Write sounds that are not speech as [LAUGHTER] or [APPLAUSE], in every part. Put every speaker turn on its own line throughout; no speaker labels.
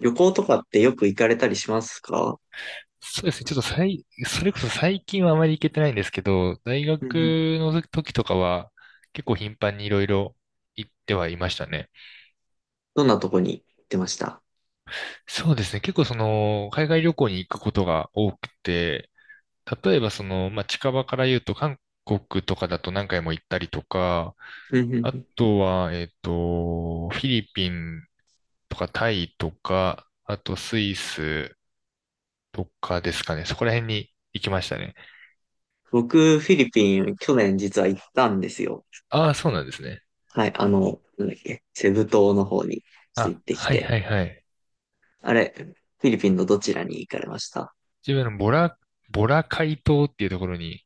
旅行とかってよく行かれたりしますか？
そうですね。ちょっとそれこそ最近はあまり行けてないんですけど、大
う
学
んうん。
の時とかは結構頻繁にいろいろ行ってはいましたね。
どんなとこに行ってました？
そうですね。結構海外旅行に行くことが多くて、例えば近場から言うと韓国とかだと何回も行ったりとか、
うんうん
あ
うん。
とは、フィリピンとかタイとか、あとスイスとかですかね。そこら辺に行きましたね。
僕、フィリピン、去年実は行ったんですよ。
ああ、そうなんですね。
はい、なんだっけ、セブ島の方にちょっと行
あ、
ってき
はい
て。
はいはい。
あれ、フィリピンのどちらに行かれました？
自分のボラ海島っていうところに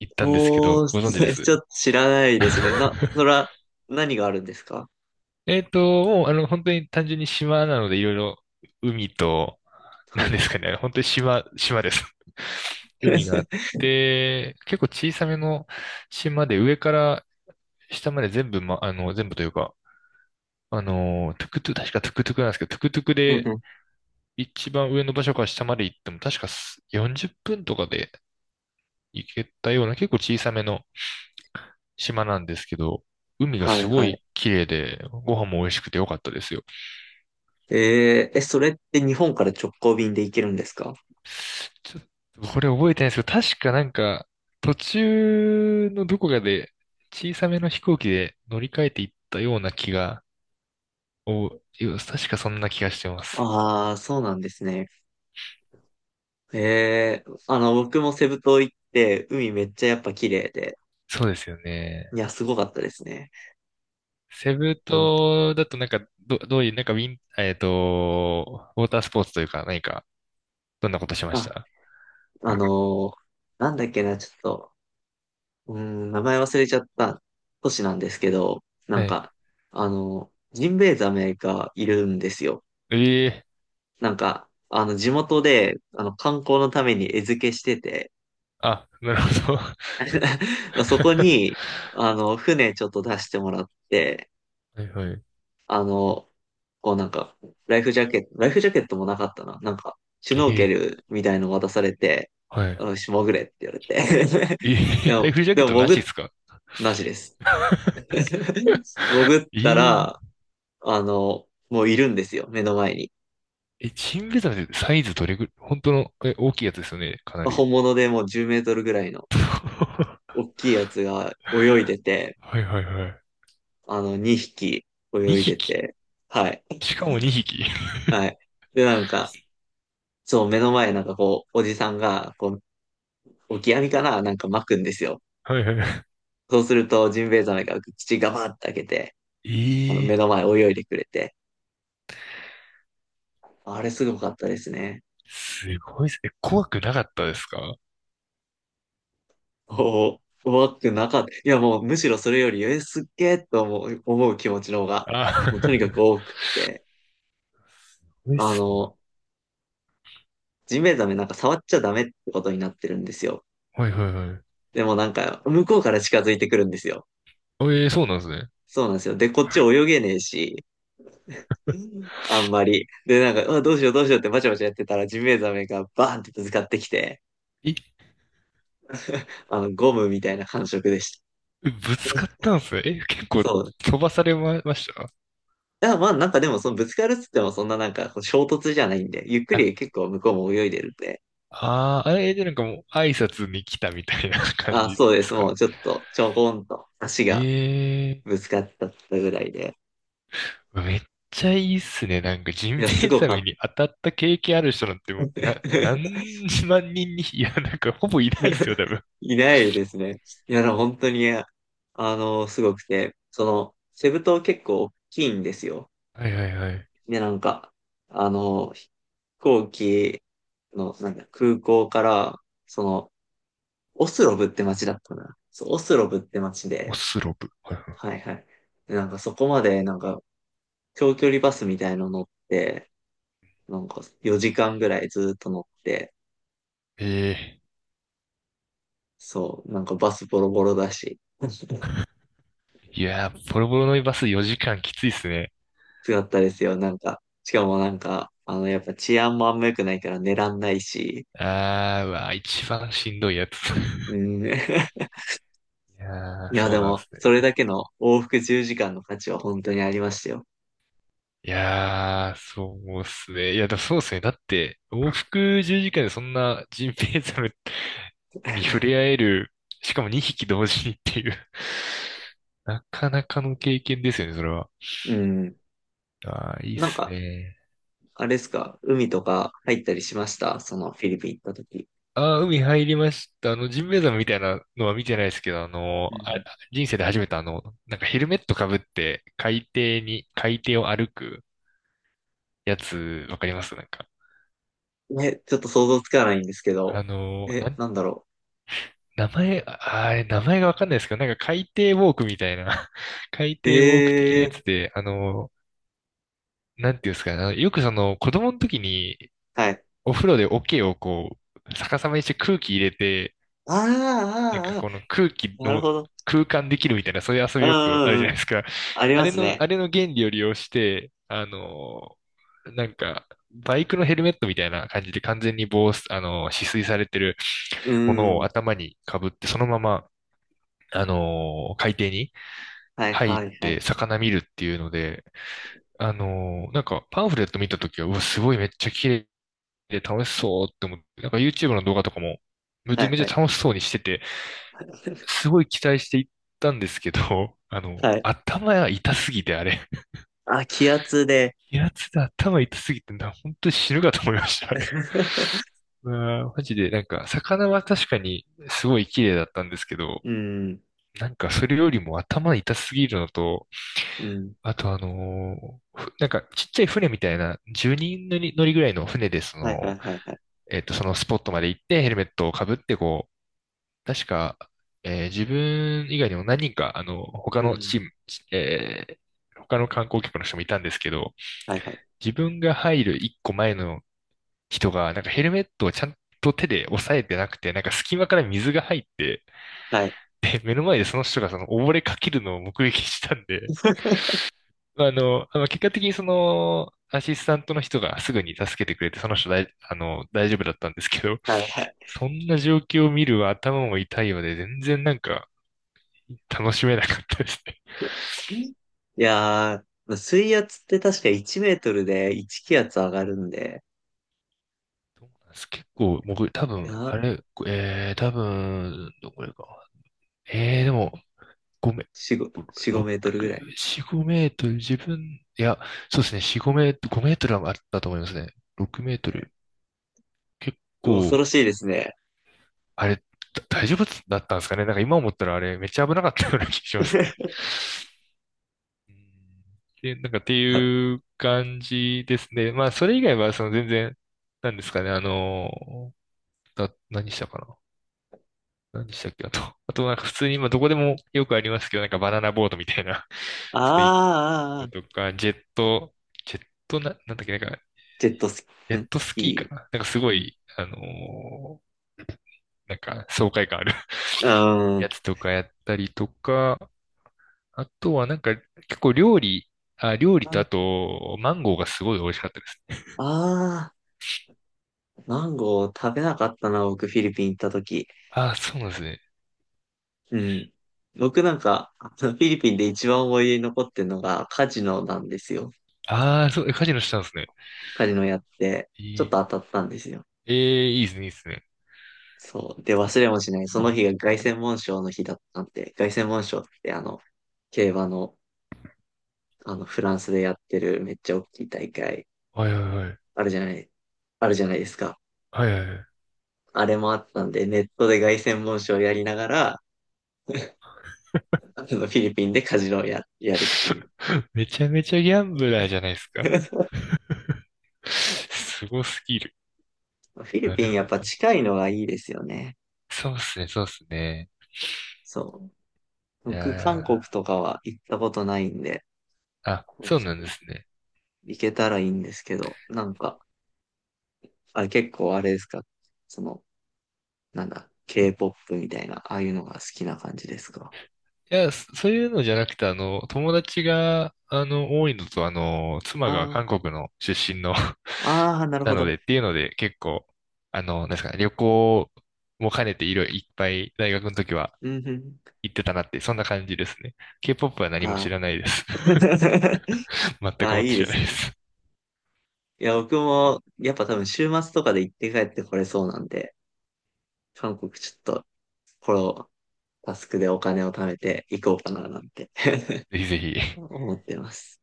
行ったんですけ
お
ど、
ー、
ご存知で
[LAUGHS] ちょ
す？
っと知らないですね。
[LAUGHS]
そら、何があるんですか？
えっと、もう、あの、本当に単純に島なので、いろいろ海と、
は
な
い
んで
は
す
い。
かね、本当に島、島です。 [LAUGHS] 海があっ
[LAUGHS]
て、結構小さめの島で、上から下まで全部、ま、あの、全部というか、トゥクトゥ、確かトゥクトゥクなんですけど、トゥクトゥク
うん
で
うん。
一番上の場所から下まで行っても、確か40分とかで行けたような、結構小さめの島なんですけど、海が
は
す
い
ご
はい。
い綺麗で、ご飯も美味しくて良かったですよ。
それって日本から直行便で行けるんですか？
ちょっとこれ覚えてないんですけど、確かなんか、途中のどこかで小さめの飛行機で乗り換えていったような気が、お、確かそんな気がしてます。
ああー、そうなんですね。ええ、僕もセブ島行って、海めっちゃやっぱ綺麗で、
そうですよね。
いや、すごかったですね。
セブ
あ、
島だとなんか、どういう、なんかウィン、えっと、ウォータースポーツというか何か、どんなことしまし
あ、
た？
あのーなんだっけな、ちょっと、名前忘れちゃった都市なんですけど、なん
はい。
か、ジンベエザメがいるんですよ。
ええ、
なんか、地元で、観光のために餌付けしてて、
あ、なるほど。[LAUGHS]
[LAUGHS] そこ
は
に、船ちょっと出してもらって、
いはい。
あの、こうなんか、ライフジャケットもなかったな。なんか、シュノー
え
ケ
え、
ルみたいの渡されて、
はい。
よし、潜れって言われて。
え
[LAUGHS] で
[LAUGHS] ライ
も、
フジャ
で
ケッ
も
トなし
潜
で
っ、
すか？
なしです。[LAUGHS] 潜っ
え
た
ー、
ら、もういるんですよ、目の前に。
え、チンベザメってサイズどれぐらい、本当の、大きいやつですよね、かなり。
本物でもう10メートルぐらいの
[LAUGHS] は
大きいやつが泳いでて、
いはいは
2匹
い。
泳い
2
で
匹。
て、はい、
しかも2匹。
はい。で、なんか、そう、目の前なんかこう、おじさんが、こう、オキアミかななんか巻くんですよ。
[LAUGHS] はいは
そうすると、ジンベエザメが口ガバッて開けて、
い。ええ
目
ー。
の前泳いでくれて、あれすごかったですね。
すごいっすね。え、怖くなかったですか？
おお、怖くなかった。いや、もうむしろそれより、すっげえと思う気持ちの方が、
あ、
もうとにかく
[LAUGHS]
多くって、
怖いっ
あ
すね。
の、ジンベエザメなんか触っちゃダメってことになってるんですよ。
はいはいはい。
でもなんか、向こうから近づいてくるんですよ。
ええー、そうなんですね。
そうなんですよ。で、こっち泳げねえし、あんまり。で、なんか、あ、どうしようどうしようってバチャバチャやってたら、ジンベエザメがバーンってぶつかってきて、
え、
ゴムみたいな感触でした。
ぶつかったんですね。え、結構
そう。
飛ばされま、ました？
だからまあなんかでもそのぶつかるっつってもそんななんかこう衝突じゃないんで、ゆっく
あ、
り結構向こうも泳いでるんで、
あーあれでなんかもう挨拶に来たみたいな感
あ、
じで
そうです。
すか
も
ね。
うちょっとちょこんと足が
ええ。
ぶつかっちゃったぐらいで。
めっちゃいいっすね。なんか、ジ
い
ン
や、す
ベエ
ご
ザ
かっ
メ
た。
に当たった経験ある人なんてもう、
[LAUGHS]
何万人に、いや、なんか、ほぼいないっすよ、多分。
いないですね。いや、でも本当に、すごくて、その、セブ島結構大きいんですよ。
はいはいはい。
で、なんか、飛行機の、なんか空港から、その、オスロブって街だったかな。そう、オスロブって街
オ
で、
スロブ。はいはい。
はいはい。なんかそこまで、なんか、長距離バスみたいの乗って、なんか4時間ぐらいずっと乗って、
ええ。
そう、なんかバスボロボロだし、[LAUGHS]
いやー、ボロボロのバス4時間きついっすね。
つかったですよ。なんか、しかもなんか、やっぱ治安もあんま良くないから寝らんないし、
あー、うわー、一番しんどいやつ。[LAUGHS]
うん。[LAUGHS] い
いやー、
や、
そ
で
うなんで
も、
す
それ
ね。
だけの往復10時間の価値は本当にありましたよ。
いやー、そうっすね。いや、だそうっすね。だって、往復10時間でそんなジンベエザメに触れ合える、しかも2匹同時にっていう [LAUGHS] なかなかの経験ですよね、それは。
うん。
ああ、いいっ
なん
す
か、
ね。
あれですか、海とか入ったりしました？そのフィリピン行った時。
ああ、海入りました。あの、ジンベエザメみたいなのは見てないですけど、あの、
うん
人生で初めてなんかヘルメットかぶって海底を歩くやつ、わかりますなんか。
ね、ちょっと想像つかないんですけど。
あの、な
え、
ん、
なんだろ
名前、ああれ、名前がわかんないですけど、なんか海底ウォークみたいな、[LAUGHS] 海
う。
底ウォーク的
え
な
え
や
ー、
つで、なんていうんですかね、よくその子供の時に
はい。
お風呂で桶をこう、逆さまにして空気入れて、なん
あ
か
ーあー、
この空気
あーなる
の
ほど。
空間できるみたいな、そういう遊
う
び
ん
よく
う
あるじ
ん
ゃ
う
な
ん。
いですか。
あり
あ
ま
れ
す
の、
ね。
あれの原理を利用して、バイクのヘルメットみたいな感じで完全に防、あの、止水されてる
う
も
ん
の
う
を
ん。
頭に被って、そのまま、海底に
はい
入っ
はいはい。
て魚見るっていうので、なんかパンフレット見たときは、うわ、すごいめっちゃ綺で楽しそうって思って、なんか YouTube の動画とかもめ
は
ちゃ
い
め
は
ち
い。
ゃ楽しそうにしてて、
[LAUGHS]
すごい期待していったんですけど、[LAUGHS]
はい。
頭が痛すぎてあれ、[LAUGHS]
あ、気圧で。
平津で頭痛すぎてな、本当に死ぬかと思いました、あれ。[LAUGHS]
[LAUGHS]
うわーマジで、なんか、魚は確かにすごい綺麗だったんですけど、
うん。
なんかそれよりも頭痛すぎるのと、
うん。
あとあのーふなんかちっちゃい船みたいな10人乗りぐらいの船でそ
はいは
の、
いはいはい。
そのスポットまで行ってヘルメットをかぶってこう、確か、自分以外にも何人か、他
う
のチ
ん。
ーム、えー他の観光客の人もいたんですけど、
はいはい。
自分が入る一個前の人が、なんかヘルメットをちゃんと手で押さえてなくて、なんか隙間から水が入って、
はい。
で、目の前でその人がその溺れかけるのを目撃したんで、
[LAUGHS]
まあの、あの結果的にアシスタントの人がすぐに助けてくれて、その人だい、あの、大丈夫だったんですけど、
はいはい。
そんな状況を見る頭も痛いので、全然なんか、楽しめなかったですね。
いやー、水圧って確か1メートルで1気圧上がるんで、
どうなんです？結構、僕、多
いや
分、あ
ー、
れ、多分、どこれか。でも、ごめん。
4、5、
6、
4、ご
4、
メートルぐらい。
5メートル、自分、いや、そうですね、4、5メートル、5メートルはあったと思いますね。6メートル。結
恐
構、
ろしいですね。
あれ、だ大丈夫だったんですかね。なんか今思ったらあれ、めっちゃ危なかったような気がしますね。
[LAUGHS]
うん。で、なんかって
あー
いう感じですね。まあ、それ以外は、全然、なんですかね、何したかな何したっけあと、[LAUGHS] あとなんか普通に今どこでもよくありますけど、なんかバナナボードみたいな、[LAUGHS] そういう
あ
の
ー、
とか、ジェット、ジェットな、なんだっけ、なんか、
ジェットスキ
ジェ
ー、ん
ット
ス
スキー
キ
かななんかす
ー。
ご
うん。
い、ーなんか爽快感ある [LAUGHS]
う
や
ん。
つとかやったりとか、あとはなんか結構料理とあ
あ
と、マンゴーがすごい美味しかったですね。
あー、マンゴー食べなかったな、僕、フィリピン行った時。
あー、そうなんですね。
うん。僕なんか、[LAUGHS] あのフィリピンで一番思い出に残ってるのがカジノなんですよ。
ああ、そう、えカジノしたんですね。
カジノやって、
え
ちょっ
ー、
と当たったんですよ。
えーいいですね、いいですね。
そう。で、忘れもしない。その日が凱旋門賞の日だったんで、凱旋門賞って競馬の、フランスでやってるめっちゃ大きい大会、
はいはいはい。
あるじゃない、あるじゃないですか。
はいはいはい。
あれもあったんで、ネットで凱旋門賞をやりながら、あのフィリピンでカジノをやるっていう。
[LAUGHS] めちゃめちゃギャンブラーじゃないですか。
[LAUGHS]
すごすぎる。
フィリ
な
ピ
る
ンやっ
ほ
ぱ
ど。
近いのがいいですよね。
そうっすね、そうっすね。
そう。
い
僕、
や
韓国
ー、
とかは行ったことないんで、
あ、
ちょっ
そうなんで
と
すね。
行けたらいいんですけど、なんか、あれ結構あれですか？その、なんだ、K-POP みたいな、ああいうのが好きな感じですか？
いや、そそういうのじゃなくて、友達が、多いのと、妻
あ
が
あ、
韓国の出身の [LAUGHS]
ああ、なる
な
ほ
の
ど。
でっていうので、結構、なんですかね、旅行も兼ねていろいろいっぱい大学の時は
うんうん。
行ってたなって、そんな感じですね。K-POP は何も
あ
知
あ。
らないです。
[LAUGHS]
[LAUGHS] 全
あ
く
あ、
もっ
い
て
いで
知らな
す
いで
ね。
す。
いや、僕も、やっぱ多分週末とかで行って帰ってこれそうなんで、韓国ちょっと、このタスクでお金を貯めて行こうかななんて [LAUGHS]
ぜひぜひ。
思ってます。